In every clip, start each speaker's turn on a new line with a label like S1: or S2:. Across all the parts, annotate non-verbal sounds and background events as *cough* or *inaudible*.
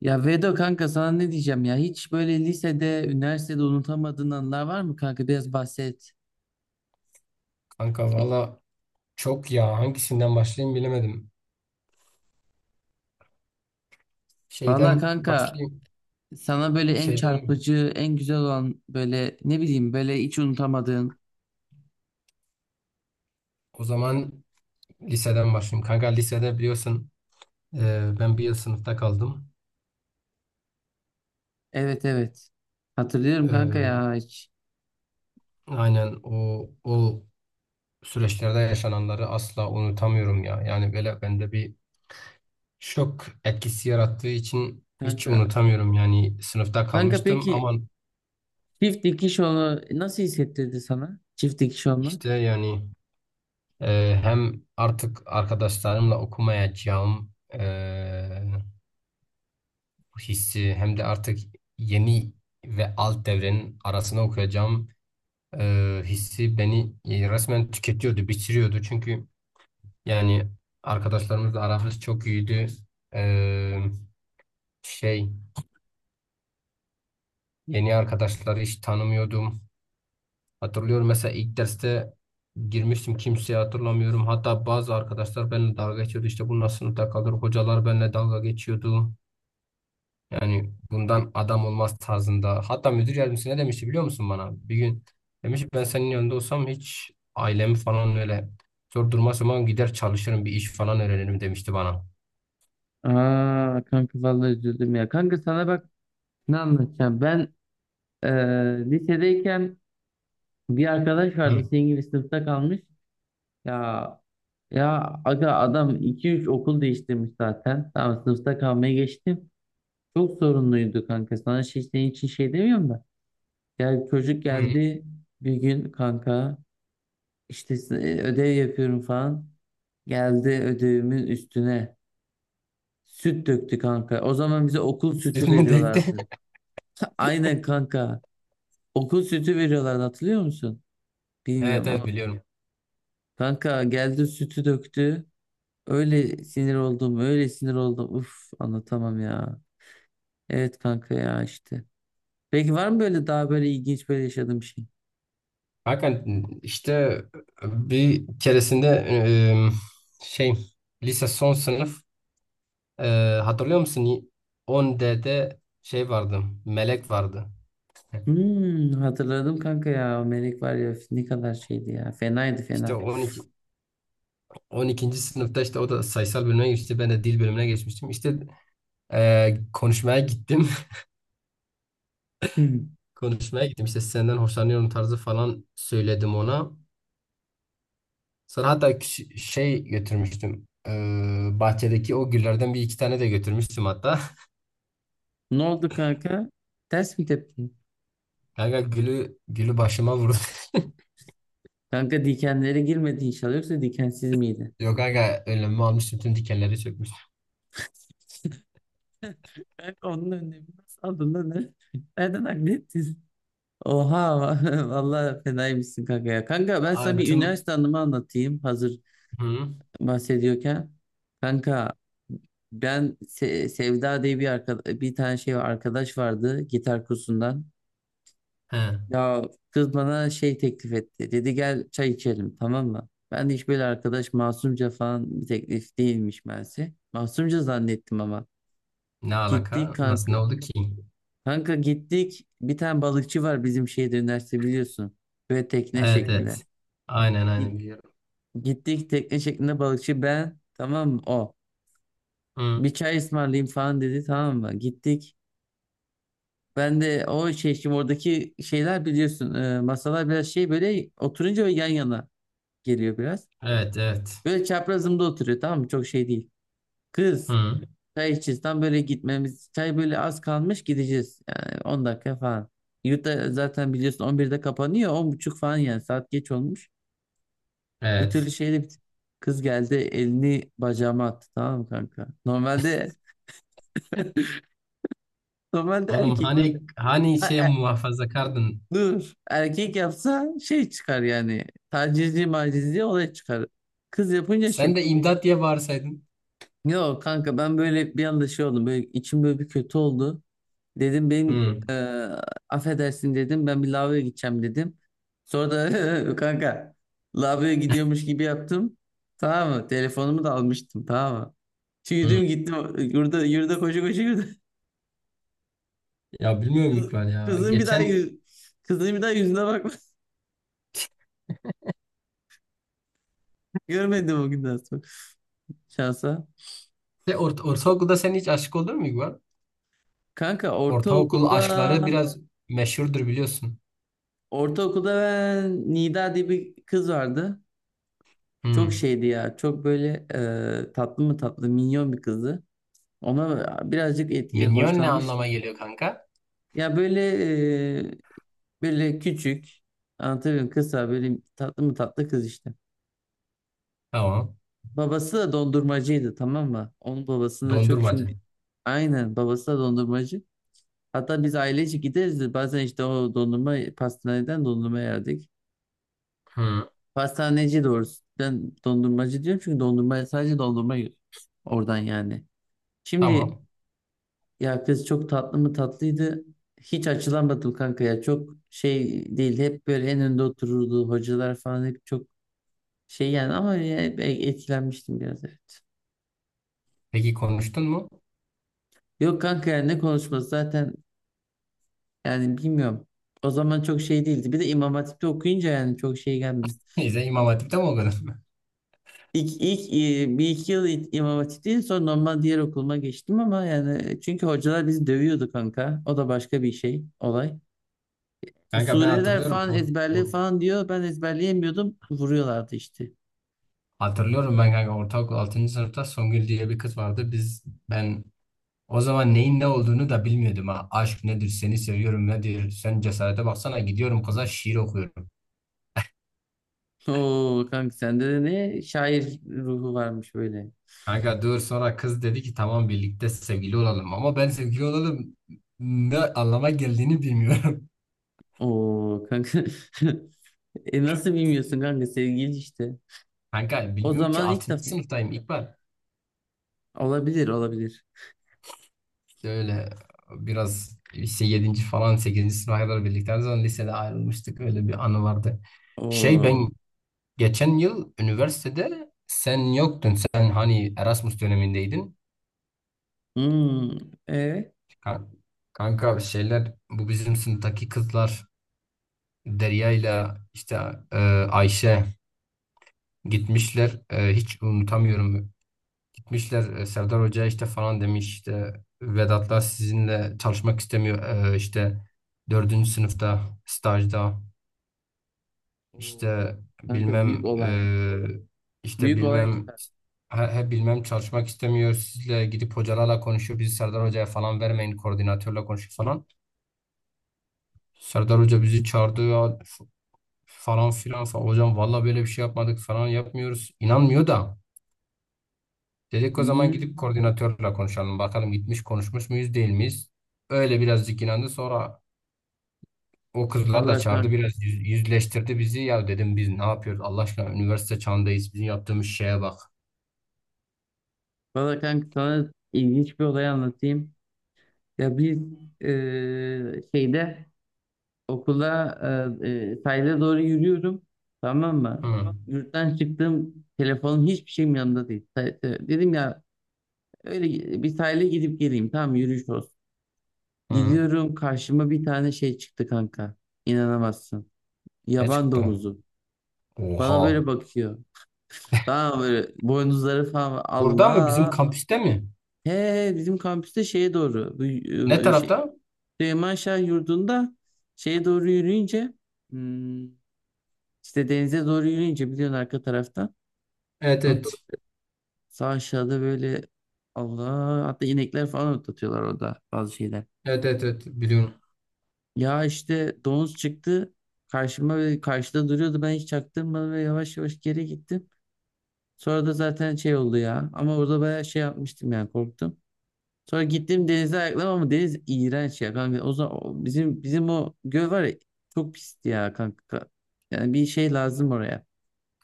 S1: Ya Vedo kanka sana ne diyeceğim ya hiç böyle lisede, üniversitede unutamadığın anılar var mı kanka biraz bahset.
S2: Kanka valla çok ya hangisinden başlayayım bilemedim.
S1: Valla
S2: Şeyden
S1: kanka
S2: başlayayım.
S1: sana böyle en
S2: Şeyden
S1: çarpıcı, en güzel olan böyle ne bileyim böyle hiç unutamadığın.
S2: O zaman liseden başlayayım. Kanka lisede biliyorsun, ben bir yıl sınıfta kaldım.
S1: Evet, evet. Hatırlıyorum
S2: E,
S1: kanka ya hiç.
S2: aynen o süreçlerde yaşananları asla unutamıyorum ya. Yani böyle bende bir şok etkisi yarattığı için hiç
S1: Kanka
S2: unutamıyorum. Yani sınıfta
S1: kanka
S2: kalmıştım
S1: peki
S2: ama
S1: çift dikiş olma nasıl hissettirdi sana? Çift dikiş
S2: işte
S1: olmak.
S2: yani, hem artık arkadaşlarımla okumayacağım. Hissi hem de artık yeni ve alt devrenin arasına okuyacağım hissi beni resmen tüketiyordu, bitiriyordu. Çünkü yani arkadaşlarımızla aramız çok iyiydi. E, şey yeni arkadaşları hiç tanımıyordum. Hatırlıyorum, mesela ilk derste girmiştim, kimseyi hatırlamıyorum. Hatta bazı arkadaşlar benimle dalga geçiyordu. İşte bu nasıl sınıfta kalır? Hocalar benimle dalga geçiyordu. Yani bundan adam olmaz tarzında. Hatta müdür yardımcısı ne demişti biliyor musun bana? Bir gün demiş ki, ben senin yanında olsam hiç ailemi falan öyle zor duruma sokmam, gider çalışırım, bir iş falan öğrenirim, demişti bana.
S1: Aa kanka vallahi üzüldüm ya. Kanka sana bak ne anlatacağım. Ben lisedeyken bir arkadaş
S2: Hı.
S1: vardı senin gibi sınıfta kalmış. Ya ya aga adam iki üç okul değiştirmiş zaten. Tamam, sınıfta kalmaya geçtim. Çok sorunluydu kanka. Sana şey, senin için şey demiyorum da. Ya çocuk
S2: Hı.
S1: geldi bir gün kanka, İşte ödev yapıyorum falan. Geldi ödevimin üstüne süt döktü kanka. O zaman bize okul sütü
S2: Sizin mi denkti?
S1: veriyorlardı.
S2: *laughs*
S1: *laughs* Aynen kanka. Okul sütü veriyorlardı, hatırlıyor musun?
S2: Evet,
S1: Bilmiyorum.
S2: evet biliyorum.
S1: Kanka geldi sütü döktü. Öyle sinir oldum, öyle sinir oldum. Uf, anlatamam ya. Evet kanka ya işte. Peki var mı böyle daha böyle ilginç böyle yaşadığım şey?
S2: Hakan işte bir keresinde e, şey lise son sınıf, e, hatırlıyor musun? 10D'de şey vardı. Melek vardı.
S1: Hatırladım kanka ya. O melek var ya ne kadar şeydi ya. Fenaydı
S2: İşte
S1: fena.
S2: 12. 12. sınıfta işte o da sayısal bölüme geçti. Ben de dil bölümüne geçmiştim. İşte konuşmaya gittim.
S1: Hmm.
S2: *laughs* Konuşmaya gittim. İşte senden hoşlanıyorum tarzı falan söyledim ona. Sonra hatta şey götürmüştüm. Bahçedeki o güllerden bir iki tane de götürmüştüm hatta. *laughs*
S1: Ne oldu kanka? Ters mi tepki?
S2: Kanka gülü başıma vurdu. *laughs*
S1: Kanka dikenlere girmedi inşallah, yoksa dikensiz miydi?
S2: Yok kanka, önlemimi almıştım. Tüm dikenleri çökmüş.
S1: Kanka onun önlemi nasıl aldın lan? Ne? *laughs* Nereden hallettin? Oha *laughs* vallahi fenaymışsın kanka ya. Kanka ben
S2: Aa,
S1: sana bir
S2: tüm...
S1: üniversite anımı anlatayım. Hazır
S2: Hı?
S1: bahsediyorken kanka ben Sevda diye bir tane şey arkadaş vardı gitar kursundan.
S2: He.
S1: Ya kız bana şey teklif etti. Dedi gel çay içelim, tamam mı? Ben de hiç böyle arkadaş masumca falan bir teklif değilmiş meğerse. Masumca zannettim ama.
S2: Ne
S1: Gittik
S2: alaka? Nasıl
S1: kanka.
S2: ne oldu ki?
S1: Kanka gittik. Bir tane balıkçı var bizim şehirde üniversite, biliyorsun. Böyle tekne
S2: Evet,
S1: şeklinde.
S2: evet. Aynen, aynen
S1: Git-
S2: biliyorum.
S1: Gittik tekne şeklinde balıkçı ben, tamam mı? O
S2: Hı.
S1: bir çay ısmarlayayım falan dedi, tamam mı? Gittik. Ben de o şey şimdi oradaki şeyler biliyorsun, masalar biraz şey böyle oturunca ve yan yana geliyor biraz.
S2: Evet, evet.
S1: Böyle çaprazımda oturuyor, tamam mı? Çok şey değil. Kız
S2: Hı.
S1: çay içeceğiz tam böyle gitmemiz çay böyle az kalmış gideceğiz yani 10 dakika falan. Yurtta zaten biliyorsun 11'de kapanıyor 10.30 falan yani saat geç olmuş. Bir türlü
S2: Evet.
S1: şeyde kız geldi elini bacağıma attı, tamam mı kanka? Normalde
S2: Oğlum
S1: erkek.
S2: hani şey
S1: Ha,
S2: muhafaza kardın.
S1: dur. Erkek yapsa şey çıkar yani. Tacizci macizci olay çıkar. Kız yapınca
S2: Sen
S1: şey.
S2: de imdat diye bağırsaydın.
S1: Yok kanka ben böyle bir anda şey oldum. Böyle içim böyle bir kötü oldu. Dedim benim
S2: Hı.
S1: affedersin dedim. Ben bir lavaboya gideceğim dedim. Sonra da *laughs* kanka lavaboya gidiyormuş gibi yaptım. Tamam mı? Telefonumu da almıştım, tamam mı?
S2: Hı.
S1: Yürüdüm gittim. Yurda, yurda koşu koşu yürüdüm.
S2: Ya bilmiyorum
S1: Kız,
S2: İkbal ya.
S1: kızın bir daha
S2: Geçen
S1: yüz, Kızın bir daha yüzüne bakma. *laughs* Görmedim o günden sonra. Şansa.
S2: de ortaokulda sen hiç aşık olur mu İkbal?
S1: Kanka
S2: Ortaokul
S1: ortaokulda
S2: aşkları biraz meşhurdur biliyorsun.
S1: ben Nida diye bir kız vardı. Çok
S2: Hı.
S1: şeydi ya. Çok böyle tatlı mı tatlı minyon bir kızdı. Ona birazcık
S2: Minyon ne
S1: hoşlanmış.
S2: anlama geliyor kanka?
S1: Ya böyle e, böyle küçük anlatabiliyorum kısa böyle tatlı mı tatlı kız işte.
S2: Tamam.
S1: Babası da dondurmacıydı, tamam mı? Onun babasını da çok çünkü
S2: Dondurmacı.
S1: aynen babası da dondurmacı. Hatta biz ailece gideriz de bazen işte o dondurma pastaneden dondurma yerdik.
S2: Hı.
S1: Pastaneci doğrusu. Ben dondurmacı diyorum çünkü dondurma sadece dondurma yiyor. Oradan yani. Şimdi
S2: Tamam.
S1: ya kız çok tatlı mı tatlıydı. Hiç açılamadım kanka ya. Çok şey değil. Hep böyle en önde otururdu. Hocalar falan hep çok şey yani ama ya hep etkilenmiştim biraz evet.
S2: Peki konuştun mu?
S1: Yok kanka yani ne konuşması zaten yani bilmiyorum. O zaman çok şey değildi. Bir de İmam Hatip'te okuyunca yani çok şey gelmiyor.
S2: *laughs* Neyse, İmam Hatip'te mi okudun?
S1: İlk, ilk bir iki yıl İmam Hatip'teydim sonra normal diğer okuluma geçtim ama yani çünkü hocalar bizi dövüyordu kanka. O da başka bir şey olay.
S2: *laughs*
S1: E,
S2: Kanka ben
S1: sureler
S2: hatırlıyorum.
S1: falan ezberli
S2: Or-
S1: falan diyor. Ben ezberleyemiyordum. Vuruyorlardı işte.
S2: hatırlıyorum ben kanka, ortaokul 6. sınıfta Songül diye bir kız vardı. Ben o zaman neyin ne olduğunu da bilmiyordum ha. Aşk nedir, seni seviyorum nedir? Sen cesarete baksana, gidiyorum kıza şiir okuyorum.
S1: Oo kanka sende de ne şair ruhu varmış böyle.
S2: Kanka dur, sonra kız dedi ki tamam birlikte sevgili olalım. Ama ben sevgili olalım ne anlama geldiğini bilmiyorum.
S1: Oo kanka. *laughs* E nasıl bilmiyorsun kanka sevgili işte.
S2: *laughs* Kanka
S1: O
S2: bilmiyorum ki
S1: zaman ilk
S2: altıncı
S1: defa
S2: sınıftayım İkbal.
S1: olabilir, olabilir.
S2: İşte öyle biraz lise yedinci falan, sekizinci sınıfa kadar birlikte. O zaman lisede ayrılmıştık, öyle bir anı vardı. Şey,
S1: Oo.
S2: ben geçen yıl üniversitede sen yoktun. Sen hani Erasmus dönemindeydin.
S1: Hmm. E
S2: Ka- Kanka şeyler, bu bizim sınıftaki kızlar Derya ile işte, e, Ayşe gitmişler. Hiç unutamıyorum, gitmişler, Serdar Hoca işte falan demiş, işte Vedatlar sizinle çalışmak istemiyor. İşte dördüncü sınıfta stajda
S1: Oo.
S2: işte
S1: Kanka büyük
S2: bilmem,
S1: olay.
S2: işte
S1: Büyük olay.
S2: bilmem, he bilmem çalışmak istemiyor, sizle gidip hocalarla konuşuyor, bizi Serdar Hoca'ya falan vermeyin, koordinatörle konuşuyor falan. Serdar Hoca bizi çağırdı ya. Falan filan falan. Hocam valla böyle bir şey yapmadık, falan yapmıyoruz. İnanmıyor da. Dedik o zaman gidip
S1: Hmm.
S2: koordinatörle konuşalım. Bakalım gitmiş konuşmuş muyuz değil miyiz? Öyle birazcık inandı. Sonra o kızlar da
S1: Vallahi
S2: çağırdı.
S1: kanka,
S2: Biraz yüzleştirdi bizi. Ya dedim biz ne yapıyoruz? Allah aşkına üniversite çağındayız. Bizim yaptığımız şeye bak.
S1: sana ilginç bir olay anlatayım. Ya biz şeyde okula sahile doğru yürüyorum. Tamam mı?
S2: Hı.
S1: Yurttan çıktım. Telefonum hiçbir şeyim yanımda değil. Dedim ya öyle bir sahile gidip geleyim. Tamam yürüyüş olsun.
S2: Hı.
S1: Gidiyorum karşıma bir tane şey çıktı kanka. İnanamazsın.
S2: Ne
S1: Yaban
S2: çıktı?
S1: domuzu. Bana
S2: Oha.
S1: böyle bakıyor. Tamam böyle boynuzları falan var.
S2: Burada mı? Bizim
S1: Allah.
S2: kampüste mi?
S1: He he, bizim kampüste şeye doğru bu
S2: Ne
S1: şey
S2: tarafta?
S1: Süleyman Şah Yurdu'nda şeye doğru yürüyünce, hmm, işte denize doğru yürüyünce biliyorsun arka taraftan.
S2: Evet,
S1: Kanka,
S2: evet.
S1: sağ aşağıda böyle Allah hatta inekler falan otlatıyorlar orada bazı şeyler.
S2: Evet, evet, evet. Biliyorum.
S1: Ya işte domuz çıktı karşıma ve karşıda duruyordu, ben hiç çaktırmadım ve yavaş yavaş geri gittim. Sonra da zaten şey oldu ya ama orada bayağı şey yapmıştım yani korktum. Sonra gittim denize ayakladım ama deniz iğrenç ya kanka. O zaman bizim o göl var ya çok pisti ya kanka. Yani bir şey lazım oraya.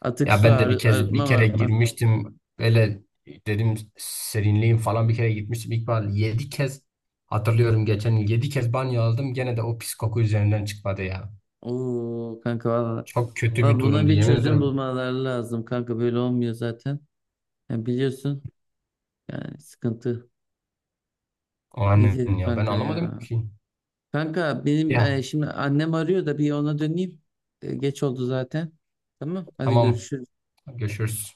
S1: Atık
S2: Ya
S1: su
S2: ben de
S1: arıtma
S2: bir kere
S1: arıtma.
S2: girmiştim. Öyle dedim serinleyeyim falan, bir kere gitmiştim. İlk ben 7 kez hatırlıyorum, geçen yıl 7 kez banyo aldım. Gene de o pis koku üzerinden çıkmadı ya.
S1: Oo kanka valla.
S2: Çok kötü
S1: Valla
S2: bir
S1: buna
S2: durumdu,
S1: bir
S2: yemin
S1: çözüm
S2: ederim.
S1: bulmaları lazım kanka. Böyle olmuyor zaten. Yani biliyorsun yani sıkıntı.
S2: O
S1: Ne
S2: annen
S1: diyeyim
S2: ya, ben
S1: kanka
S2: anlamadım
S1: ya.
S2: ki.
S1: Kanka benim
S2: Ya
S1: şimdi annem arıyor da bir ona döneyim. E, geç oldu zaten. Tamam hadi
S2: tamam,
S1: görüşürüz.
S2: görüşürüz.